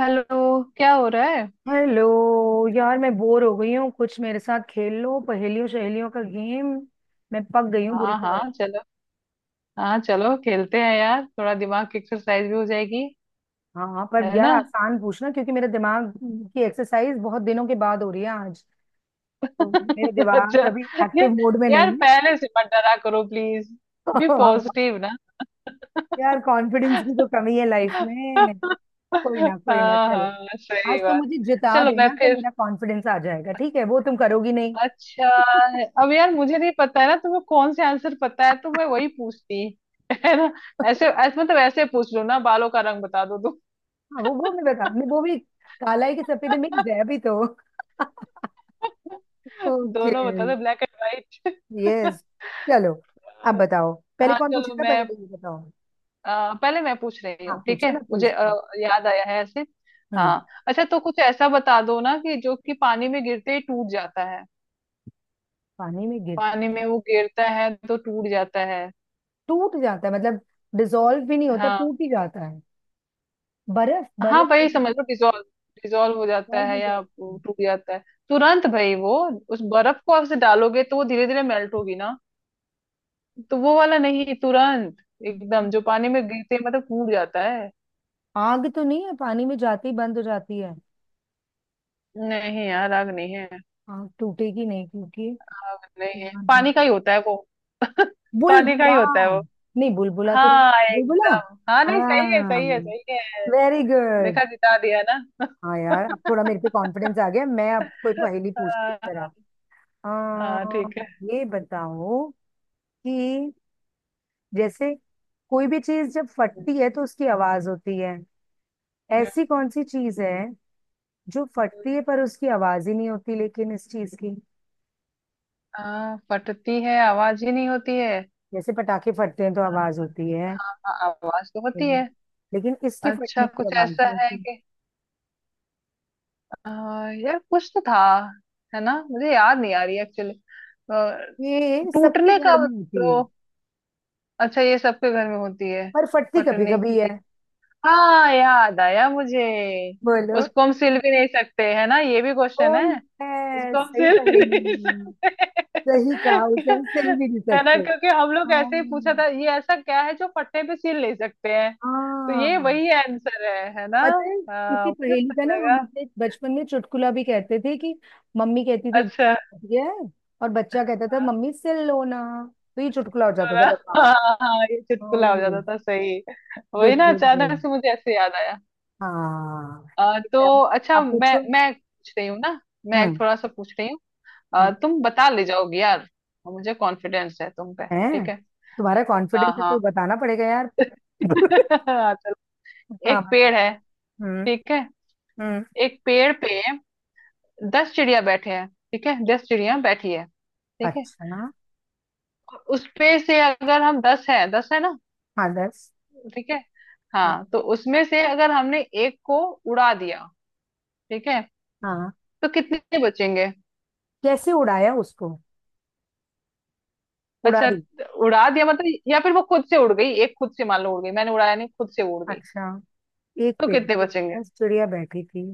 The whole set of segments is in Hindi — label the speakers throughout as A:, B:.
A: हेलो, क्या हो रहा है।
B: हेलो। यार मैं बोर हो गई हूँ, कुछ मेरे साथ खेल लो, पहेलियों सहेलियों का गेम। मैं पक गई हूँ बुरी
A: हाँ
B: तरह।
A: हाँ चलो। हाँ चलो खेलते हैं यार, थोड़ा दिमाग की एक्सरसाइज भी हो जाएगी।
B: हाँ हाँ, पर
A: है
B: यार
A: ना।
B: आसान पूछना क्योंकि मेरे दिमाग की एक्सरसाइज बहुत दिनों के बाद हो रही है आज। तो मेरे दिमाग
A: अच्छा।
B: कभी
A: या,
B: एक्टिव मोड में
A: यार
B: नहीं है।
A: पहले से मत डरा करो प्लीज। बी पॉजिटिव ना।
B: यार कॉन्फिडेंस की तो कमी है लाइफ में। कोई ना
A: हाँ
B: चल,
A: हाँ
B: आज
A: सही
B: तो
A: बात।
B: मुझे जिता
A: चलो मैं
B: देना तो
A: फिर।
B: मेरा कॉन्फिडेंस आ जाएगा। ठीक है, वो तुम करोगी नहीं।
A: अच्छा, अब यार मुझे नहीं पता है ना तुम्हें कौन से आंसर पता है तो मैं वही पूछती। है ना। ऐसे ऐसे मतलब ऐसे पूछ लो ना, बालों का रंग बता दो तुम।
B: हाँ, वो मैं बता, मैं वो भी। काला है कि सफेद, मिक्स है अभी तो। ओके।
A: दोनों बता दो, ब्लैक एंड
B: यस,
A: व्हाइट।
B: चलो। अब बताओ, पहले
A: हाँ
B: कौन
A: चलो
B: पूछेगा
A: मैं।
B: पहले ये बताओ।
A: पहले मैं पूछ रही
B: हाँ
A: हूँ ठीक
B: पूछो
A: है।
B: ना
A: मुझे
B: प्लीज।
A: याद आया है ऐसे।
B: हम्म।
A: हाँ अच्छा, तो कुछ ऐसा बता दो ना कि जो कि पानी में गिरते ही टूट जाता है।
B: पानी में गिर।
A: पानी में वो गिरता है तो टूट जाता है।
B: टूट जाता है मतलब? डिसॉल्व भी नहीं होता,
A: हाँ
B: टूट ही जाता है? बर्फ,
A: हाँ
B: बर्फ के
A: वही समझ
B: डिसॉल्व
A: लो, डिजोल्व। डिजोल्व हो जाता है
B: हो
A: या
B: जाती
A: वो
B: है।
A: टूट जाता है तुरंत भाई। वो उस बर्फ को आप से डालोगे तो वो धीरे धीरे मेल्ट होगी ना, तो वो वाला नहीं। तुरंत एकदम जो पानी में गिरते ही मतलब टूट जाता है।
B: आग तो नहीं है, पानी में जाती बंद हो जाती है।
A: नहीं यार, आग नहीं है।
B: आग टूटेगी नहीं क्योंकि।
A: आग नहीं है,
B: प्लान है।
A: पानी का ही होता है वो। पानी का
B: बुलबुला।
A: ही होता है वो।
B: नहीं बुलबुला तो नहीं-
A: हाँ
B: बुलबुला।
A: एकदम, हाँ नहीं सही है
B: हाँ।
A: सही है सही है।
B: Very good.
A: देखा, जिता दिया ना।
B: हाँ यार, अब थोड़ा मेरे पे कॉन्फिडेंस आ गया, मैं अब कोई पहेली पूछती हूँ जरा।
A: हाँ, हाँ,
B: आ,
A: ठीक है।
B: ये बताओ कि, जैसे कोई भी चीज जब
A: हम्म।
B: फटती है तो उसकी आवाज होती है। ऐसी कौन सी चीज है जो फटती है पर उसकी आवाज ही नहीं होती, लेकिन इस चीज की।
A: हाँ फटती है, आवाज ही नहीं होती है।
B: जैसे पटाखे फटते हैं तो आवाज होती है,
A: हाँ हाँ, आवाज तो होती है।
B: लेकिन इसके फटने
A: अच्छा
B: की
A: कुछ
B: आवाज
A: ऐसा
B: नहीं
A: है
B: होती।
A: कि आ, यार कुछ तो था। है ना, मुझे याद नहीं आ रही एक्चुअली।
B: ये सबके
A: टूटने
B: घर
A: का
B: में होती
A: तो।
B: है,
A: अच्छा ये सबके घर में होती है।
B: पर फटती कभी
A: कटने
B: कभी है।
A: की। हाँ याद आया मुझे।
B: बोलो।
A: उसको हम सिल भी नहीं सकते, है ना ये भी
B: ओ
A: क्वेश्चन है। इसको
B: यस,
A: हम
B: सही
A: सिल भी नहीं
B: पहेली।
A: सकते।
B: सही कहा, उसे हम सिल भी नहीं
A: है ना,
B: सकते।
A: क्योंकि हम लोग
B: हाँ।
A: ऐसे ही पूछा था ये ऐसा क्या है जो फटने पे सिल नहीं सकते हैं। तो ये
B: हाँ,
A: वही आंसर है ना।
B: पता है।
A: हाँ
B: किसी
A: मुझे
B: पहेली का
A: सही
B: ना हम
A: लगा।
B: अपने बचपन में चुटकुला भी कहते थे कि, मम्मी कहती थी
A: अच्छा।
B: दिया है और बच्चा कहता था
A: हाँ
B: मम्मी सिल लो ना। तो ये चुटकुला हो
A: तो
B: जाता
A: ना-
B: था, बताओ।
A: हाँ हाँ, हाँ, ये
B: ओ
A: चुटकुला हो जाता
B: यस।
A: था, सही। वही
B: गुड
A: ना,
B: गुड गुड।
A: अचानक से मुझे ऐसे याद आया।
B: हाँ। ठीक
A: तो
B: है, अब
A: अच्छा,
B: आप
A: मैं
B: पूछो।
A: मैं पूछ रही हूँ ना। मैं
B: हम्म।
A: थोड़ा सा पूछ रही हूँ।
B: हम्म,
A: तुम बता ले जाओगे यार, मुझे कॉन्फिडेंस है तुम पे।
B: है।
A: ठीक है।
B: तुम्हारा
A: हाँ
B: कॉन्फिडेंस है तो
A: हाँ।
B: बताना पड़ेगा यार।
A: चलो।
B: हाँ
A: एक
B: बताओ।
A: पेड़ है,
B: हम्म।
A: ठीक है।
B: हम्म।
A: एक पेड़ पे दस चिड़िया बैठे हैं, ठीक है, दस चिड़िया बैठी है ठीक है।
B: अच्छा।
A: और उस पे से अगर हम दस है, दस है ना,
B: हाँ 10।
A: ठीक है।
B: हाँ।
A: हाँ तो उसमें से अगर हमने एक को उड़ा दिया, ठीक है,
B: हाँ।
A: तो कितने बचेंगे।
B: कैसे उड़ाया उसको, उड़ा
A: अच्छा,
B: दी?
A: उड़ा दिया मतलब या फिर वो खुद से उड़ गई, एक खुद से मान लो उड़ गई, मैंने उड़ाया नहीं, खुद से उड़ गई।
B: अच्छा। एक
A: तो
B: पेड़
A: कितने
B: पे
A: बचेंगे।
B: 10 चिड़िया बैठी थी,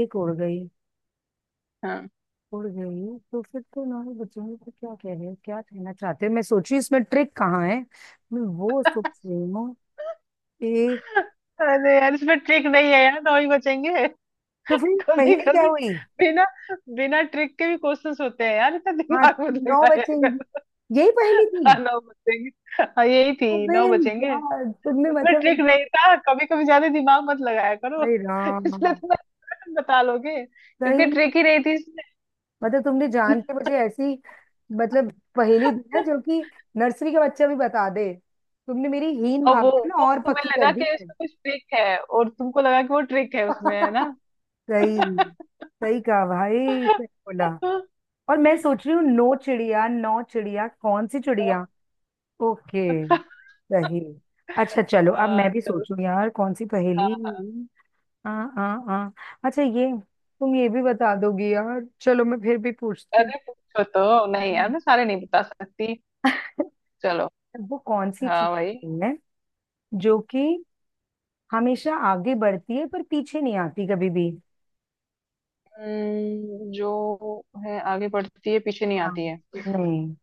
B: 1 उड़ गई।
A: हाँ।
B: उड़ गई तो फिर तो, हमारे बच्चों को क्या कह रहे हैं, क्या कहना चाहते हैं? मैं सोची इसमें ट्रिक कहाँ है, मैं वो सोच रही हूँ। एक।
A: अरे यार इसमें ट्रिक नहीं है यार, नौ ही बचेंगे।
B: तो फिर
A: कभी
B: पहेली क्या
A: कभी
B: हुई?
A: बिना बिना ट्रिक के भी क्वेश्चंस होते हैं यार, इतना
B: हाँ
A: दिमाग मत
B: 9
A: लगाया कर।
B: बचेंगी, यही पहेली थी?
A: हाँ नौ बचेंगे। हाँ यही थी,
B: अबे
A: नौ बचेंगे।
B: यार, तुमने
A: उसमें
B: मतलब
A: ट्रिक
B: उनको।
A: नहीं था, कभी कभी ज्यादा दिमाग मत लगाया करो।
B: अरे राम।
A: इसलिए तो मैं बता लोगे,
B: सही
A: क्योंकि
B: में
A: ट्रिक ही नहीं थी इसमें।
B: मतलब तुमने जान के मुझे ऐसी, मतलब पहेली दी है जो कि नर्सरी के बच्चे भी बता दे। तुमने मेरी हीन
A: और वो
B: भावना ना
A: वो
B: और
A: तुम्हें
B: पक्की कर
A: लगा
B: दी
A: कि
B: है।
A: उसमें कुछ ट्रिक है और तुमको लगा कि वो ट्रिक है उसमें, है ना।
B: सही। सही कहा भाई, सही बोला।
A: तो,
B: और मैं सोच रही हूँ नो चिड़िया, नौ चिड़िया, कौन सी चिड़िया। ओके। सही। अच्छा चलो, अब मैं भी
A: चलो।
B: सोचूं यार कौन सी पहेली।
A: हाँ।
B: आ आ आ अच्छा ये, तुम ये भी बता दोगी यार, चलो मैं फिर भी पूछती हूँ।
A: अरे पूछो तो नहीं यार, मैं सारे नहीं बता सकती। चलो।
B: वो कौन सी
A: हाँ भाई।
B: चीज है जो कि हमेशा आगे बढ़ती है पर पीछे नहीं आती कभी भी।
A: जो है आगे बढ़ती है पीछे नहीं
B: हाँ।
A: आती है।
B: नहीं,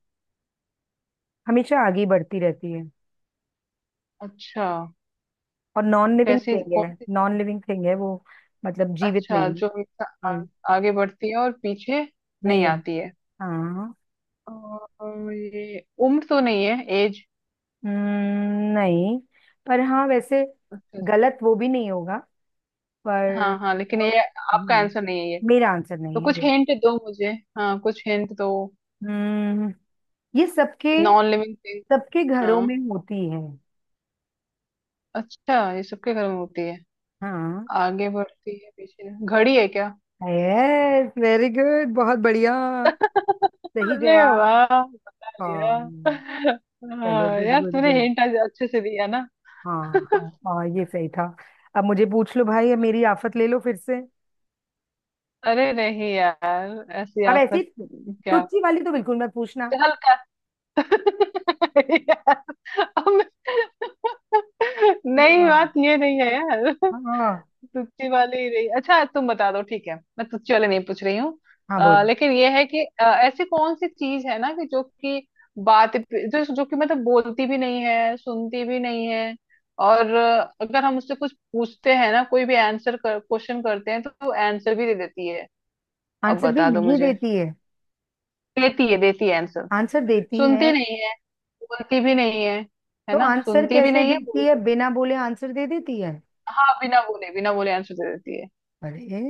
B: हमेशा आगे बढ़ती रहती है।
A: अच्छा,
B: और नॉन लिविंग
A: कैसी
B: थिंग है,
A: कौन सी।
B: नॉन लिविंग थिंग है वो। मतलब जीवित
A: अच्छा,
B: नहीं।
A: जो हमेशा
B: हम्म।
A: आगे बढ़ती है और पीछे नहीं
B: नहीं
A: आती
B: आती।
A: है।
B: हाँ।
A: और ये उम्र तो नहीं है, एज।
B: नहीं। पर हाँ वैसे
A: अच्छा।
B: गलत वो भी नहीं होगा, पर।
A: हाँ हाँ लेकिन ये आपका
B: हम्म,
A: आंसर नहीं है।
B: मेरा आंसर
A: तो
B: नहीं है
A: कुछ
B: ये।
A: हिंट दो मुझे। हाँ कुछ हिंट दो।
B: हम्म, ये सबके,
A: नॉन लिविंग थिंग।
B: सबके घरों
A: हाँ।
B: में होती है।
A: अच्छा ये सबके घर में होती है।
B: हाँ।
A: आगे बढ़ती है पीछे, घड़ी है क्या।
B: यस वेरी गुड, बहुत बढ़िया। सही
A: अरे
B: जवाब।
A: वाह, बता लिया।
B: हाँ। चलो
A: हाँ,
B: गुड
A: यार
B: गुड
A: तूने
B: गुड।
A: हिंट आज अच्छे से दिया ना।
B: हाँ। हाँ हाँ, ये सही था। अब मुझे पूछ लो भाई, अब मेरी आफत ले लो फिर से।
A: अरे नहीं यार, ऐसी
B: अब ऐसी
A: आफत क्या।
B: तुच्छी वाली तो बिल्कुल मत पूछना।
A: चल कर। यार, अब- मैं- नहीं
B: हाँ।
A: बात ये नहीं है यार।
B: हाँ।
A: तुच्ची वाली ही रही, अच्छा तुम बता दो ठीक है, मैं तुच्ची वाले नहीं पूछ रही हूँ।
B: हाँ बोल।
A: लेकिन ये है कि ऐसी कौन सी चीज है ना कि जो कि बात जो जो कि मतलब बोलती भी नहीं है, सुनती भी नहीं है। और अगर हम उससे कुछ पूछते हैं ना, कोई भी आंसर कर क्वेश्चन करते हैं तो वो आंसर भी दे देती है। अब
B: आंसर भी
A: बता दो
B: नहीं
A: मुझे।
B: देती है?
A: देती है आंसर।
B: आंसर देती
A: सुनती
B: है?
A: नहीं है, बोलती भी नहीं है। है
B: तो
A: ना,
B: आंसर
A: सुनती भी
B: कैसे
A: नहीं है
B: देती है,
A: बोलती भी नहीं
B: बिना बोले आंसर दे देती है?
A: है। हाँ बिना बोले आंसर दे देती है।
B: अरे।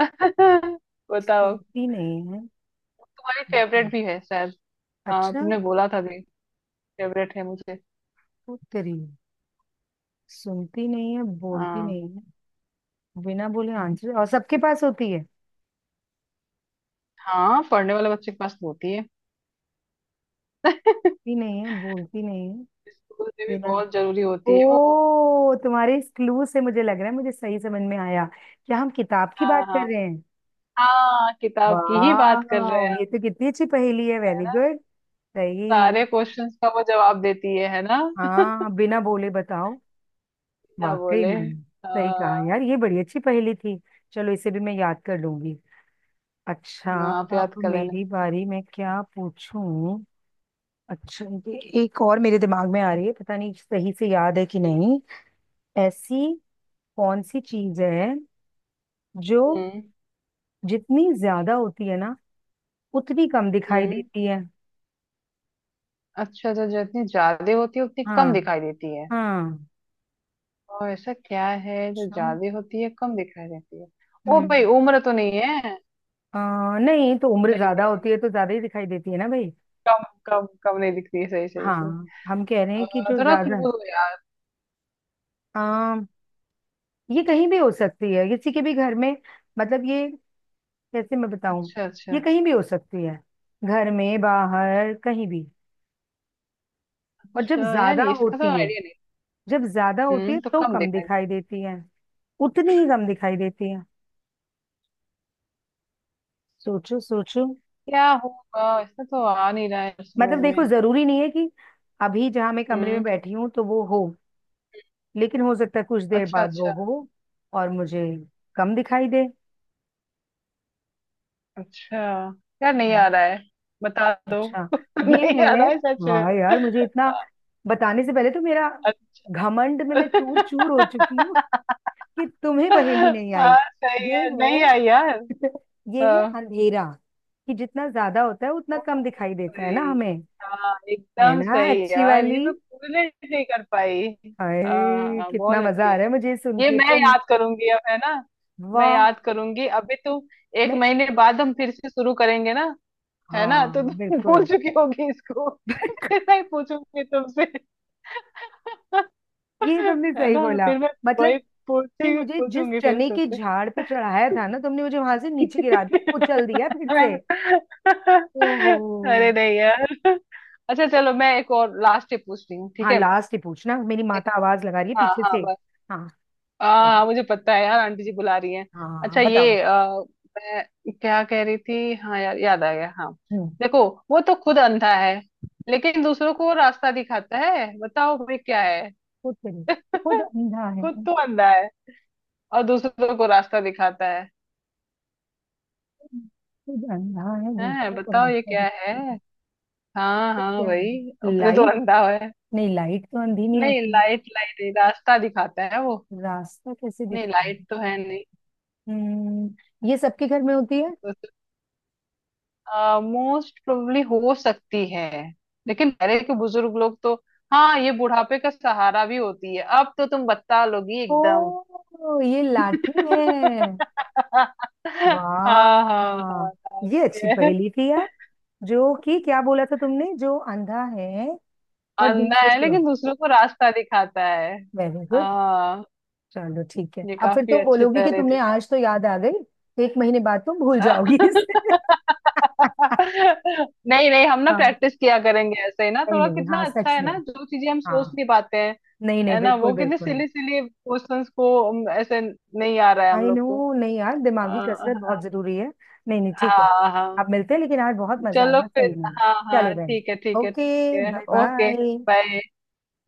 A: बताओ।
B: सुनती नहीं है।
A: तुम्हारी
B: हम्म,
A: फेवरेट भी है शायद। हाँ
B: अच्छा।
A: तुमने बोला था भी, फेवरेट है मुझे।
B: तो तेरी, सुनती नहीं है, बोलती
A: हाँ।
B: नहीं है, बिना बोले आंसर, और सबके पास होती है।
A: हाँ पढ़ने वाले बच्चे के पास तो होती है।
B: सुनती नहीं है, बोलती नहीं है,
A: स्कूल में भी
B: बिना।
A: बहुत जरूरी होती है वो।
B: ओ तुम्हारे इस क्लू से मुझे लग रहा है मुझे सही समझ में आया। क्या हम किताब की
A: हाँ
B: बात
A: हाँ।
B: कर रहे हैं?
A: हाँ किताब की ही बात कर रहे हैं
B: वाह,
A: आप।
B: ये तो कितनी अच्छी पहेली है,
A: है
B: वेरी
A: ना,
B: गुड। सही।
A: सारे क्वेश्चंस का वो जवाब देती है ना।
B: हाँ बिना बोले, बताओ।
A: क्या
B: वाकई
A: बोले,
B: में, सही कहा यार, ये बड़ी अच्छी पहेली थी। चलो इसे भी मैं याद कर लूंगी। अच्छा,
A: ना, आप
B: अब
A: याद कर लेना।
B: मेरी बारी, मैं क्या पूछूं। अच्छा ये एक और मेरे दिमाग में आ रही है, पता नहीं सही से याद है कि
A: हम्म।
B: नहीं। ऐसी कौन सी चीज है जो
A: हम्म।
B: जितनी ज्यादा होती है ना उतनी कम दिखाई
A: हम्म।
B: देती है।
A: अच्छा तो जो जितनी ज्यादा होती है उतनी कम
B: हाँ।
A: दिखाई देती है।
B: हाँ।
A: और ऐसा क्या है जो
B: अच्छा,
A: ज्यादा होती है कम दिखाई देती है। ओ भाई
B: हम्म।
A: उम्र तो नहीं है।
B: नहीं तो उम्र
A: नहीं नहीं
B: ज्यादा
A: नहीं
B: होती
A: नहीं,
B: है तो ज्यादा ही दिखाई देती है ना भाई।
A: कम कम कम नहीं दिखती है, सही सही
B: हाँ।
A: सही
B: हम कह रहे हैं कि जो
A: थोड़ा क्लू
B: ज्यादा।
A: दो यार।
B: आ, ये कहीं भी हो सकती है किसी के भी घर में, मतलब ये, कैसे मैं बताऊं।
A: अच्छा
B: ये
A: अच्छा।
B: कहीं भी हो सकती है, घर में बाहर कहीं भी। और जब
A: अच्छा यार
B: ज्यादा
A: ये इसका तो
B: होती है,
A: आइडिया नहीं।
B: जब ज्यादा होती
A: हम्म,
B: है
A: तो
B: तो
A: कम
B: कम
A: दिखाई
B: दिखाई
A: देती है।
B: देती है, उतनी ही कम दिखाई देती है। सोचो सोचो।
A: क्या होगा, इसका तो आ नहीं रहा है समझ
B: मतलब देखो,
A: में।
B: जरूरी नहीं है कि अभी जहां मैं कमरे में
A: हम्म।
B: बैठी हूँ तो वो हो, लेकिन हो सकता है कुछ देर
A: अच्छा
B: बाद वो
A: अच्छा।
B: हो और मुझे कम दिखाई दे।
A: अच्छा यार नहीं
B: हम्म,
A: आ रहा है, बता दो।
B: अच्छा। ये
A: नहीं आ
B: है।
A: रहा है सच
B: वाह
A: में।
B: यार, मुझे इतना बताने से पहले तो मेरा, घमंड में मैं चूर
A: अच्छा।
B: चूर हो चुकी हूँ कि तुम्हें पहेली नहीं आई।
A: हाँ सही
B: ये
A: है,
B: है।
A: नहीं आई यार।
B: ये है
A: हाँ।
B: अंधेरा, कि जितना ज्यादा होता है उतना कम दिखाई देता है ना
A: सही।
B: हमें।
A: हाँ
B: है
A: एकदम
B: ना
A: सही
B: अच्छी
A: यार,
B: वाली।
A: ये मैं कोरिलेट नहीं कर पाई। हाँ
B: हाय
A: हाँ, बहुत
B: कितना मजा
A: अच्छी
B: आ
A: है,
B: रहा है मुझे, सुन
A: ये
B: के
A: मैं
B: तुम।
A: याद करूंगी अब, है ना। मैं
B: वाह।
A: याद करूंगी। अभी तुम, एक
B: मैं।
A: महीने बाद हम फिर से शुरू करेंगे ना। है ना, तो
B: हाँ
A: तुम भूल
B: बिल्कुल।
A: चुकी होगी इसको, फिर मैं पूछूंगी तुमसे।
B: ये तुमने
A: है
B: सही
A: ना,
B: बोला,
A: फिर मैं
B: मतलब
A: वही
B: तुमने
A: पूछी
B: मुझे जिस
A: पूछूंगी फिर
B: चने के
A: तुमसे।
B: झाड़ पे चढ़ाया था ना, तुमने मुझे वहां से नीचे गिरा दिया, कुचल दिया फिर से। ओहो।
A: अरे नहीं यार। अच्छा चलो, मैं एक और लास्ट ही पूछ रही हूँ ठीक
B: हाँ
A: है।
B: लास्ट ही पूछना, मेरी
A: देखो।
B: माता आवाज लगा रही है
A: हाँ
B: पीछे
A: हाँ
B: से।
A: बस।
B: हाँ।
A: हाँ
B: चलो।
A: हाँ, मुझे पता है यार, आंटी जी बुला रही हैं।
B: हाँ
A: अच्छा
B: बताओ
A: ये
B: बताओ।
A: मैं क्या कह रही थी, हाँ यार याद आ गया। हाँ
B: हम्म।
A: देखो, वो तो खुद अंधा है लेकिन दूसरों को रास्ता दिखाता है, बताओ भाई क्या है।
B: खुद करिए। खुद अंधा है।
A: खुद तो अंधा है और दूसरों को रास्ता दिखाता है।
B: खुद अंधा है
A: हैं
B: दूसरों को
A: बताओ ये
B: रास्ता
A: क्या है।
B: दिखाता है।
A: हाँ
B: तो
A: हाँ
B: क्या
A: भाई,
B: है,
A: अपने तो
B: लाइट?
A: अंधा है।
B: नहीं लाइट तो अंधी नहीं
A: नहीं
B: होती,
A: लाइट, रास्ता दिखाता है वो,
B: रास्ता कैसे
A: नहीं
B: दिखाएगी।
A: लाइट तो है नहीं।
B: हम्म, ये सबके घर में होती है?
A: मोस्ट प्रोबेबली हो सकती है, लेकिन पहले के बुजुर्ग लोग तो, हाँ ये बुढ़ापे का सहारा भी होती है। अब तो तुम बता लोगी एकदम।
B: ओ ये लाठी है।
A: हाँ हाँ हाँ
B: वाह ये
A: बताती
B: अच्छी
A: है।
B: पहेली थी यार। जो कि क्या बोला था तुमने, जो अंधा है पर
A: अंधा
B: दूसरे
A: है
B: को।
A: लेकिन दूसरों को रास्ता दिखाता है।
B: Very good.
A: हाँ।
B: चलो ठीक है,
A: ये
B: अब फिर
A: काफी
B: तुम
A: अच्छे
B: बोलोगी कि
A: पहले थे।
B: तुम्हें आज तो याद आ गई, 1 महीने बाद तुम भूल जाओगी इसे।
A: नहीं नहीं, हम ना
B: हाँ।
A: प्रैक्टिस किया करेंगे ऐसे ही ना,
B: नहीं
A: थोड़ा
B: नहीं,
A: कितना
B: हाँ
A: अच्छा
B: सच
A: है
B: में।
A: ना, जो चीजें हम सोच
B: हाँ।
A: नहीं पाते हैं।
B: नहीं नहीं,
A: है ना,
B: बिल्कुल
A: वो कितने
B: बिल्कुल।
A: सिली सिली क्वेश्चंस को हम ऐसे नहीं आ रहा है हम
B: आई
A: लोग को।
B: नो, नहीं यार दिमागी कसरत
A: आ,
B: बहुत जरूरी है। नहीं नहीं ठीक है,
A: हाँ हाँ।
B: आप मिलते हैं, लेकिन आज बहुत मजा
A: चलो
B: आया सही
A: फिर,
B: में।
A: हाँ हाँ
B: चलो
A: ठीक है
B: रहना,
A: ठीक है
B: ओके
A: ठीक है,
B: बाय
A: ओके
B: बाय।
A: बाय।